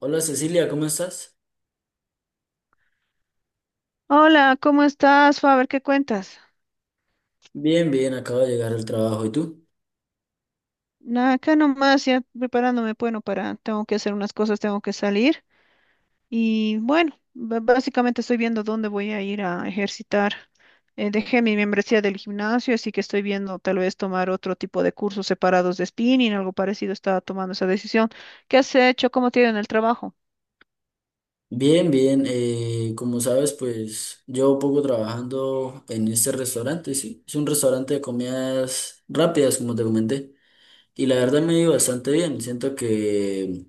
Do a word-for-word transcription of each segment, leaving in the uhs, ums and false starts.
Hola Cecilia, ¿cómo estás? Hola, ¿cómo estás, Faber? ¿Qué cuentas? Bien, bien, acabo de llegar al trabajo. ¿Y tú? Nada, acá nomás ya preparándome, bueno, para, tengo que hacer unas cosas, tengo que salir. Y bueno, ba- básicamente estoy viendo dónde voy a ir a ejercitar. Eh, dejé mi membresía del gimnasio, así que estoy viendo tal vez tomar otro tipo de cursos separados de spinning, algo parecido, estaba tomando esa decisión. ¿Qué has hecho? ¿Cómo te ha ido en el trabajo? Bien, bien. Eh, como sabes, pues llevo poco trabajando en este restaurante, sí. Es un restaurante de comidas rápidas, como te comenté. Y la verdad me ha ido bastante bien. Siento que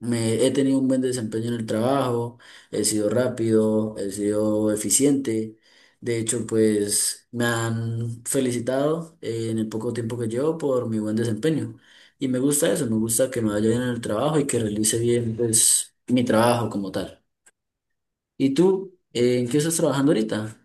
Me, he tenido un buen desempeño en el trabajo, he sido rápido, he sido eficiente. De hecho, pues me han felicitado eh, en el poco tiempo que llevo por mi buen desempeño. Y me gusta eso, me gusta que me vaya bien en el trabajo y que realice bien pues, mi trabajo como tal. ¿Y tú, eh, en qué estás trabajando ahorita?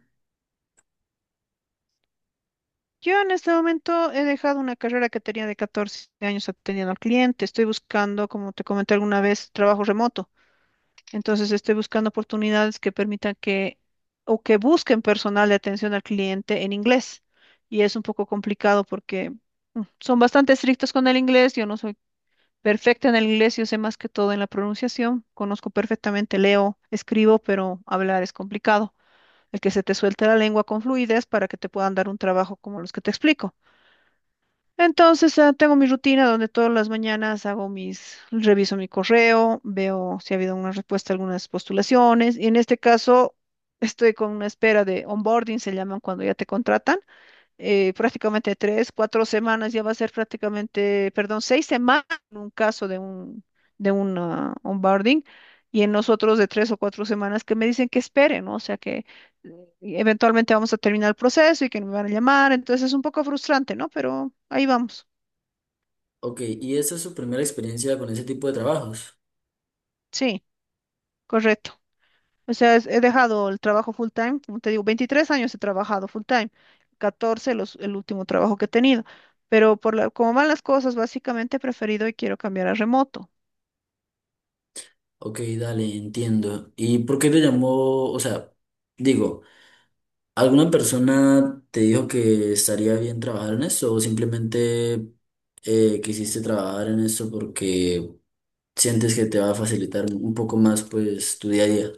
Yo en este momento he dejado una carrera que tenía de catorce años atendiendo al cliente. Estoy buscando, como te comenté alguna vez, trabajo remoto. Entonces estoy buscando oportunidades que permitan que o que busquen personal de atención al cliente en inglés. Y es un poco complicado porque mm, son bastante estrictos con el inglés. Yo no soy perfecta en el inglés, yo sé más que todo en la pronunciación. Conozco perfectamente, leo, escribo, pero hablar es complicado. El que se te suelte la lengua con fluidez para que te puedan dar un trabajo como los que te explico. Entonces, ah, tengo mi rutina donde todas las mañanas hago mis, reviso mi correo, veo si ha habido una respuesta a algunas postulaciones y en este caso estoy con una espera de onboarding, se llaman cuando ya te contratan eh, prácticamente tres, cuatro semanas, ya va a ser prácticamente, perdón, seis semanas en un caso de un, de un ah, onboarding y en nosotros de tres o cuatro semanas que me dicen que esperen, ¿no? O sea que eh, eventualmente vamos a terminar el proceso y que me van a llamar, entonces es un poco frustrante, ¿no? Pero ahí vamos, Ok, ¿y esa es su primera experiencia con ese tipo de trabajos? sí, correcto. O sea, es- he dejado el trabajo full time, como te digo, veintitrés años he trabajado full time, catorce los, el último trabajo que he tenido, pero por la, como van las cosas, básicamente he preferido y quiero cambiar a remoto. Ok, dale, entiendo. ¿Y por qué te llamó, o sea, digo... ¿Alguna persona te dijo que estaría bien trabajar en eso o simplemente eh, quisiste trabajar en eso porque sientes que te va a facilitar un poco más pues tu día a día?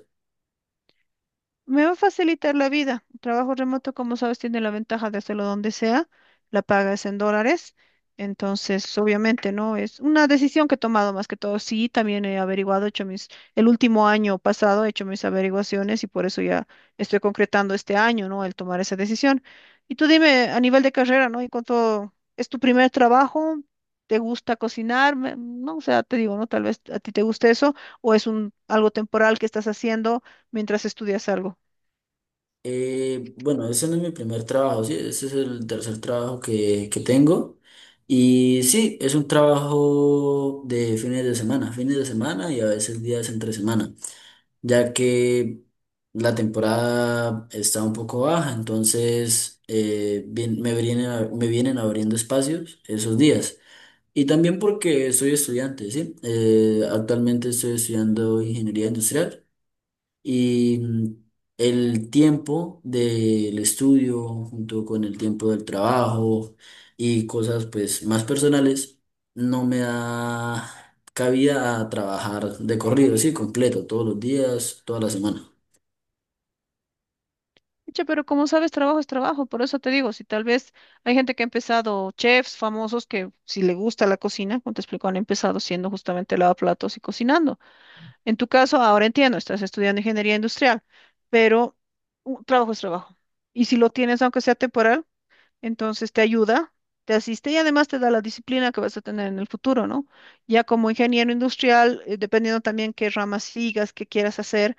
Me va a facilitar la vida. El trabajo remoto, como sabes, tiene la ventaja de hacerlo donde sea. La paga es en dólares. Entonces, obviamente, ¿no? Es una decisión que he tomado más que todo. Sí, también he averiguado, he hecho mis, el último año pasado he hecho mis averiguaciones y por eso ya estoy concretando este año, ¿no? El tomar esa decisión. Y tú dime, a nivel de carrera, ¿no? ¿Y cuánto es tu primer trabajo? ¿Te gusta cocinar? Me- No, o sea, te digo, ¿no? Tal vez a ti te guste eso o es un algo temporal que estás haciendo mientras estudias algo. Eh, bueno, ese no es mi primer trabajo, sí, ese es el tercer trabajo que, que tengo. Y sí, es un trabajo de fines de semana, fines de semana y a veces días entre semana, ya que la temporada está un poco baja, entonces eh, bien- me vienen, a- me vienen abriendo espacios esos días. Y también porque soy estudiante, ¿sí? Eh, actualmente estoy estudiando ingeniería industrial. Y mm, el tiempo del estudio junto con el tiempo del trabajo y cosas pues más personales no me da cabida a trabajar de corrido, sí, completo, todos los días, toda la semana. Pucha, pero como sabes, trabajo es trabajo, por eso te digo, si tal vez hay gente que ha empezado, chefs famosos que si le gusta la cocina, como te explico, han empezado siendo justamente lavaplatos y cocinando. En tu caso, ahora entiendo, estás estudiando ingeniería industrial, pero un trabajo es trabajo. Y si lo tienes, aunque sea temporal, entonces te ayuda, te asiste y además te da la disciplina que vas a tener en el futuro, ¿no? Ya como ingeniero industrial, eh, dependiendo también qué ramas sigas, qué quieras hacer,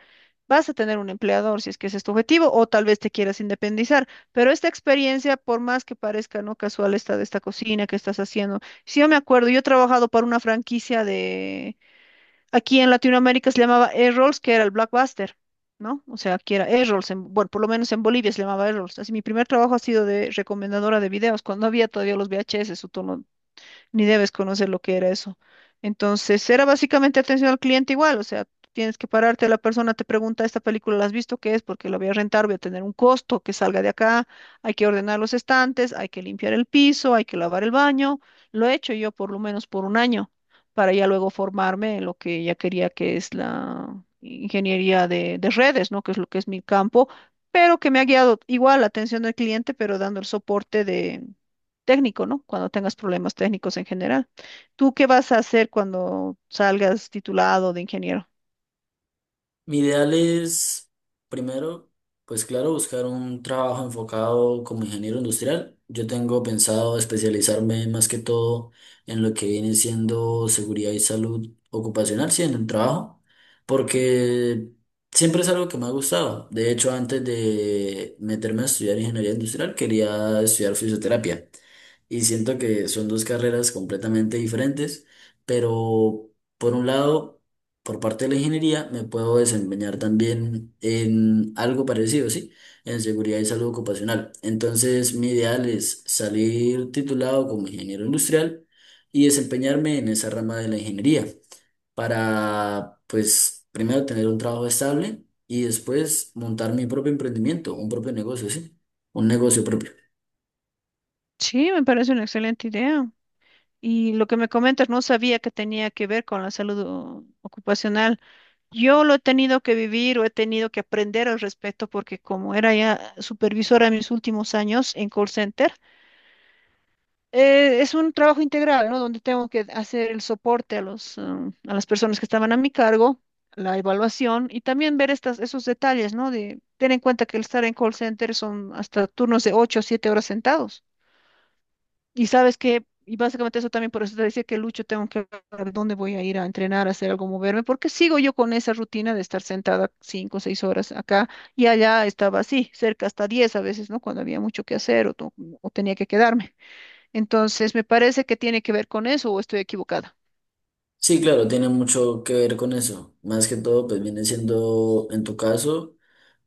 vas a tener un empleador si es que ese es tu objetivo o tal vez te quieras independizar. Pero esta experiencia, por más que parezca no casual esta de esta cocina que estás haciendo, si yo me acuerdo, yo he trabajado para una franquicia aquí en Latinoamérica, se llamaba Errols, que era el Blockbuster, ¿no? O sea, aquí era Errols, en- bueno, por lo menos en Bolivia se llamaba Errols. Así, mi primer trabajo ha sido de recomendadora de videos, cuando había todavía los V H S, o todo, ni debes conocer lo que era eso. Entonces, era básicamente atención al cliente igual, o sea, tienes que pararte, la persona te pregunta, ¿esta película la has visto? ¿Qué es? Porque la voy a rentar, voy a tener un costo que salga de acá, hay que ordenar los estantes, hay que limpiar el piso, hay que lavar el baño. Lo he hecho yo por lo menos por un año, para ya luego formarme en lo que ya quería, que es la ingeniería de, de redes, ¿no? Que es lo que es mi campo, pero que me ha guiado igual la atención al cliente, pero dando el soporte de técnico, ¿no? Cuando tengas problemas técnicos en general. ¿Tú qué vas a hacer cuando salgas titulado de ingeniero? Mi ideal es, primero, pues claro, buscar un trabajo enfocado como ingeniero industrial. Yo tengo pensado especializarme más que todo en lo que viene siendo seguridad y salud ocupacional, sí, en el trabajo, porque siempre es algo que me ha gustado. De hecho, antes de meterme a estudiar ingeniería industrial, quería estudiar fisioterapia y siento que son dos carreras completamente diferentes, pero por un lado por parte de la ingeniería me puedo desempeñar también en algo parecido, ¿sí? En seguridad y salud ocupacional. Entonces, mi ideal es salir titulado como ingeniero industrial y desempeñarme en esa rama de la ingeniería para, pues, primero tener un trabajo estable y después montar mi propio emprendimiento, un propio negocio, ¿sí? Un negocio propio. Sí, me parece una excelente idea. Y lo que me comentas, no sabía que tenía que ver con la salud o- ocupacional. Yo lo he tenido que vivir o he tenido que aprender al respecto porque como era ya supervisora en mis últimos años en call center, eh, es un trabajo integral, ¿no? Donde tengo que hacer el soporte a los, um, a las personas que estaban a mi cargo, la evaluación y también ver estas, esos detalles, ¿no? De tener en cuenta que el estar en call center son hasta turnos de ocho o siete horas sentados. Y sabes que, y básicamente eso también por eso te decía que Lucho tengo que ver dónde voy a ir a entrenar, a hacer algo, moverme, porque sigo yo con esa rutina de estar sentada cinco o seis horas acá y allá estaba así, cerca hasta diez a veces, ¿no? Cuando había mucho que hacer o, to- o tenía que quedarme. Entonces, me parece que tiene que ver con eso o estoy equivocada. Sí, claro, tiene mucho que ver con eso. Más que todo, pues viene siendo, en tu caso,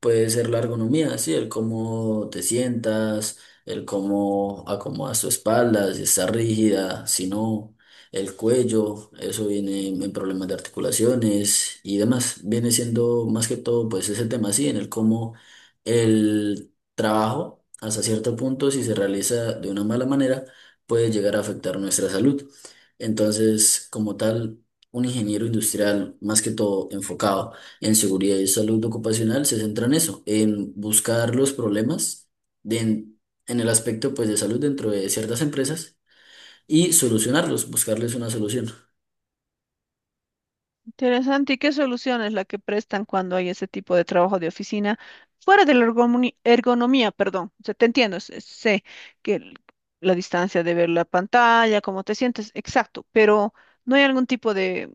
puede ser la ergonomía, sí, el cómo te sientas, el cómo acomodas tu espalda, si está rígida, si no, el cuello, eso viene en problemas de articulaciones y demás. Viene siendo más que todo, pues ese tema, sí, en el cómo el trabajo, hasta cierto punto, si se realiza de una mala manera, puede llegar a afectar nuestra salud. Entonces, como tal, un ingeniero industrial, más que todo enfocado en seguridad y salud ocupacional, se centra en eso, en buscar los problemas de- en, en el aspecto pues, de salud dentro de ciertas empresas y solucionarlos, buscarles una solución. Interesante. ¿Y qué solución es la que prestan cuando hay ese tipo de trabajo de oficina? Fuera de la ergomoni- ergonomía, perdón. O sea, te entiendo, sé sé que el- la distancia de ver la pantalla, cómo te sientes, exacto, pero ¿no hay algún tipo de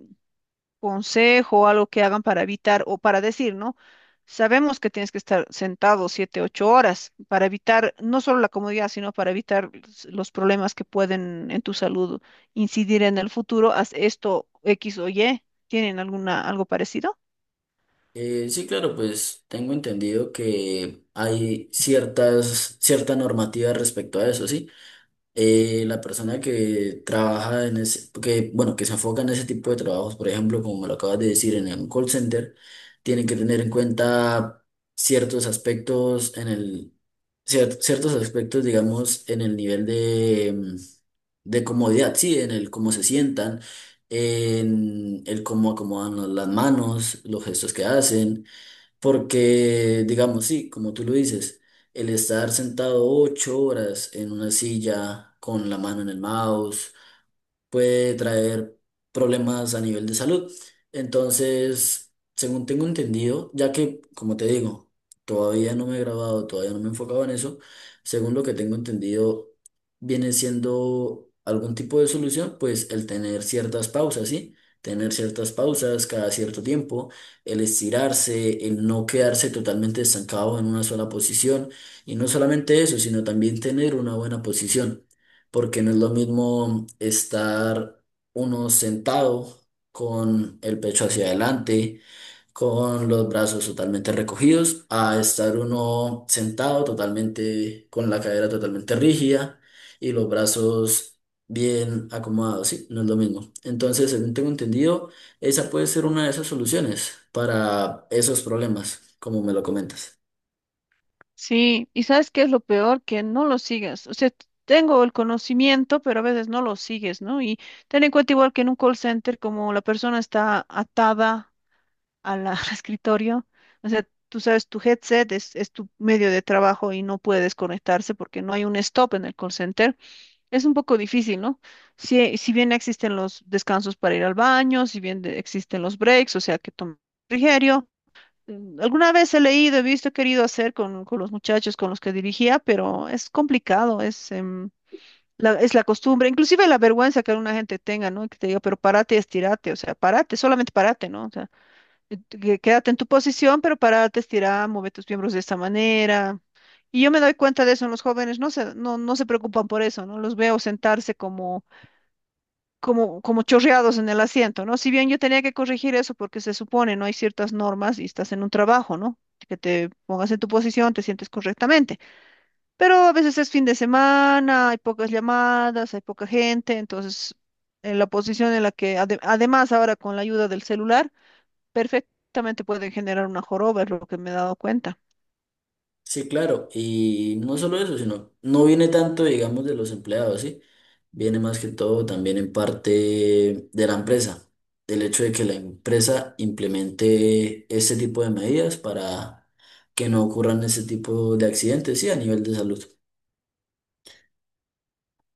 consejo, algo que hagan para evitar o para decir, ¿no? Sabemos que tienes que estar sentado siete, ocho horas para evitar no solo la comodidad, sino para evitar s- los problemas que pueden en tu salud incidir en el futuro. Haz esto X o Y. ¿Tienen alguna algo parecido? Eh, sí, claro, pues tengo entendido que hay ciertas, cierta normativa respecto a eso, ¿sí? Eh, la persona que trabaja en ese, que, bueno, que se enfoca en ese tipo de trabajos, por ejemplo, como me lo acabas de decir, en un call center, tienen que tener en cuenta ciertos aspectos en el, cier- ciertos aspectos, digamos, en el nivel de, mm, de comodidad, sí, en el cómo se sientan, en el cómo acomodan las manos, los gestos que hacen porque, digamos, sí, como tú lo dices, el estar sentado ocho horas en una silla con la mano en el mouse, puede traer problemas a nivel de salud. Entonces, según tengo entendido, ya que, como te digo, todavía no me he grabado, todavía no me he enfocado en eso, según lo que tengo entendido, viene siendo algún tipo de solución, pues el tener ciertas pausas, ¿sí? Tener ciertas pausas cada cierto tiempo, el estirarse, el no quedarse totalmente estancado en una sola posición, y no solamente eso, sino también tener una buena posición porque no es lo mismo estar uno sentado con el pecho hacia adelante, con los brazos totalmente recogidos, a estar uno sentado totalmente con la cadera totalmente rígida y los brazos bien acomodados, sí, no es lo mismo. Entonces, según tengo entendido, esa puede ser una de esas soluciones para esos problemas, como me lo comentas. Sí, y ¿sabes qué es lo peor? Que no lo sigas. O sea, t- tengo el conocimiento, pero a veces no lo sigues, ¿no? Y ten en cuenta igual que en un call center, como la persona está atada a la- al escritorio. O sea, tú sabes, tu headset es, es tu medio de trabajo y no puede desconectarse porque no hay un stop en el call center. Es un poco difícil, ¿no? Si, si bien existen los descansos para ir al baño, si bien de- existen los breaks, o sea, que tomas refrigerio. Mm, Alguna vez he leído, he visto, he querido hacer con, con los muchachos con los que dirigía, pero es complicado, es, em, la, es la costumbre, inclusive la vergüenza que alguna gente tenga, ¿no? Que te diga, pero párate, y estirate, o sea, párate, solamente párate, ¿no? O sea, eh, tú que- quédate en tu posición, pero párate, estira, mueve tus miembros de esta manera. Y yo me doy cuenta de eso en los jóvenes, no se, no, no se preocupan por eso, ¿no? Los veo sentarse como, como, como chorreados en el asiento, ¿no? Si bien yo tenía que corregir eso porque se supone, ¿no? Hay ciertas normas y estás en un trabajo, ¿no? Que te pongas en tu posición, te sientes correctamente. Pero a veces es fin de semana, hay pocas llamadas, hay poca gente, entonces en la posición en la que, ade- además ahora con la ayuda del celular, perfectamente pueden generar una joroba, es lo que me he dado cuenta. Sí, claro, y no solo eso, sino no viene tanto, digamos, de los empleados, ¿sí? Viene más que todo también en parte de la empresa, del hecho de que la empresa implemente este tipo de medidas para que no ocurran ese tipo de accidentes, sí, a nivel de salud.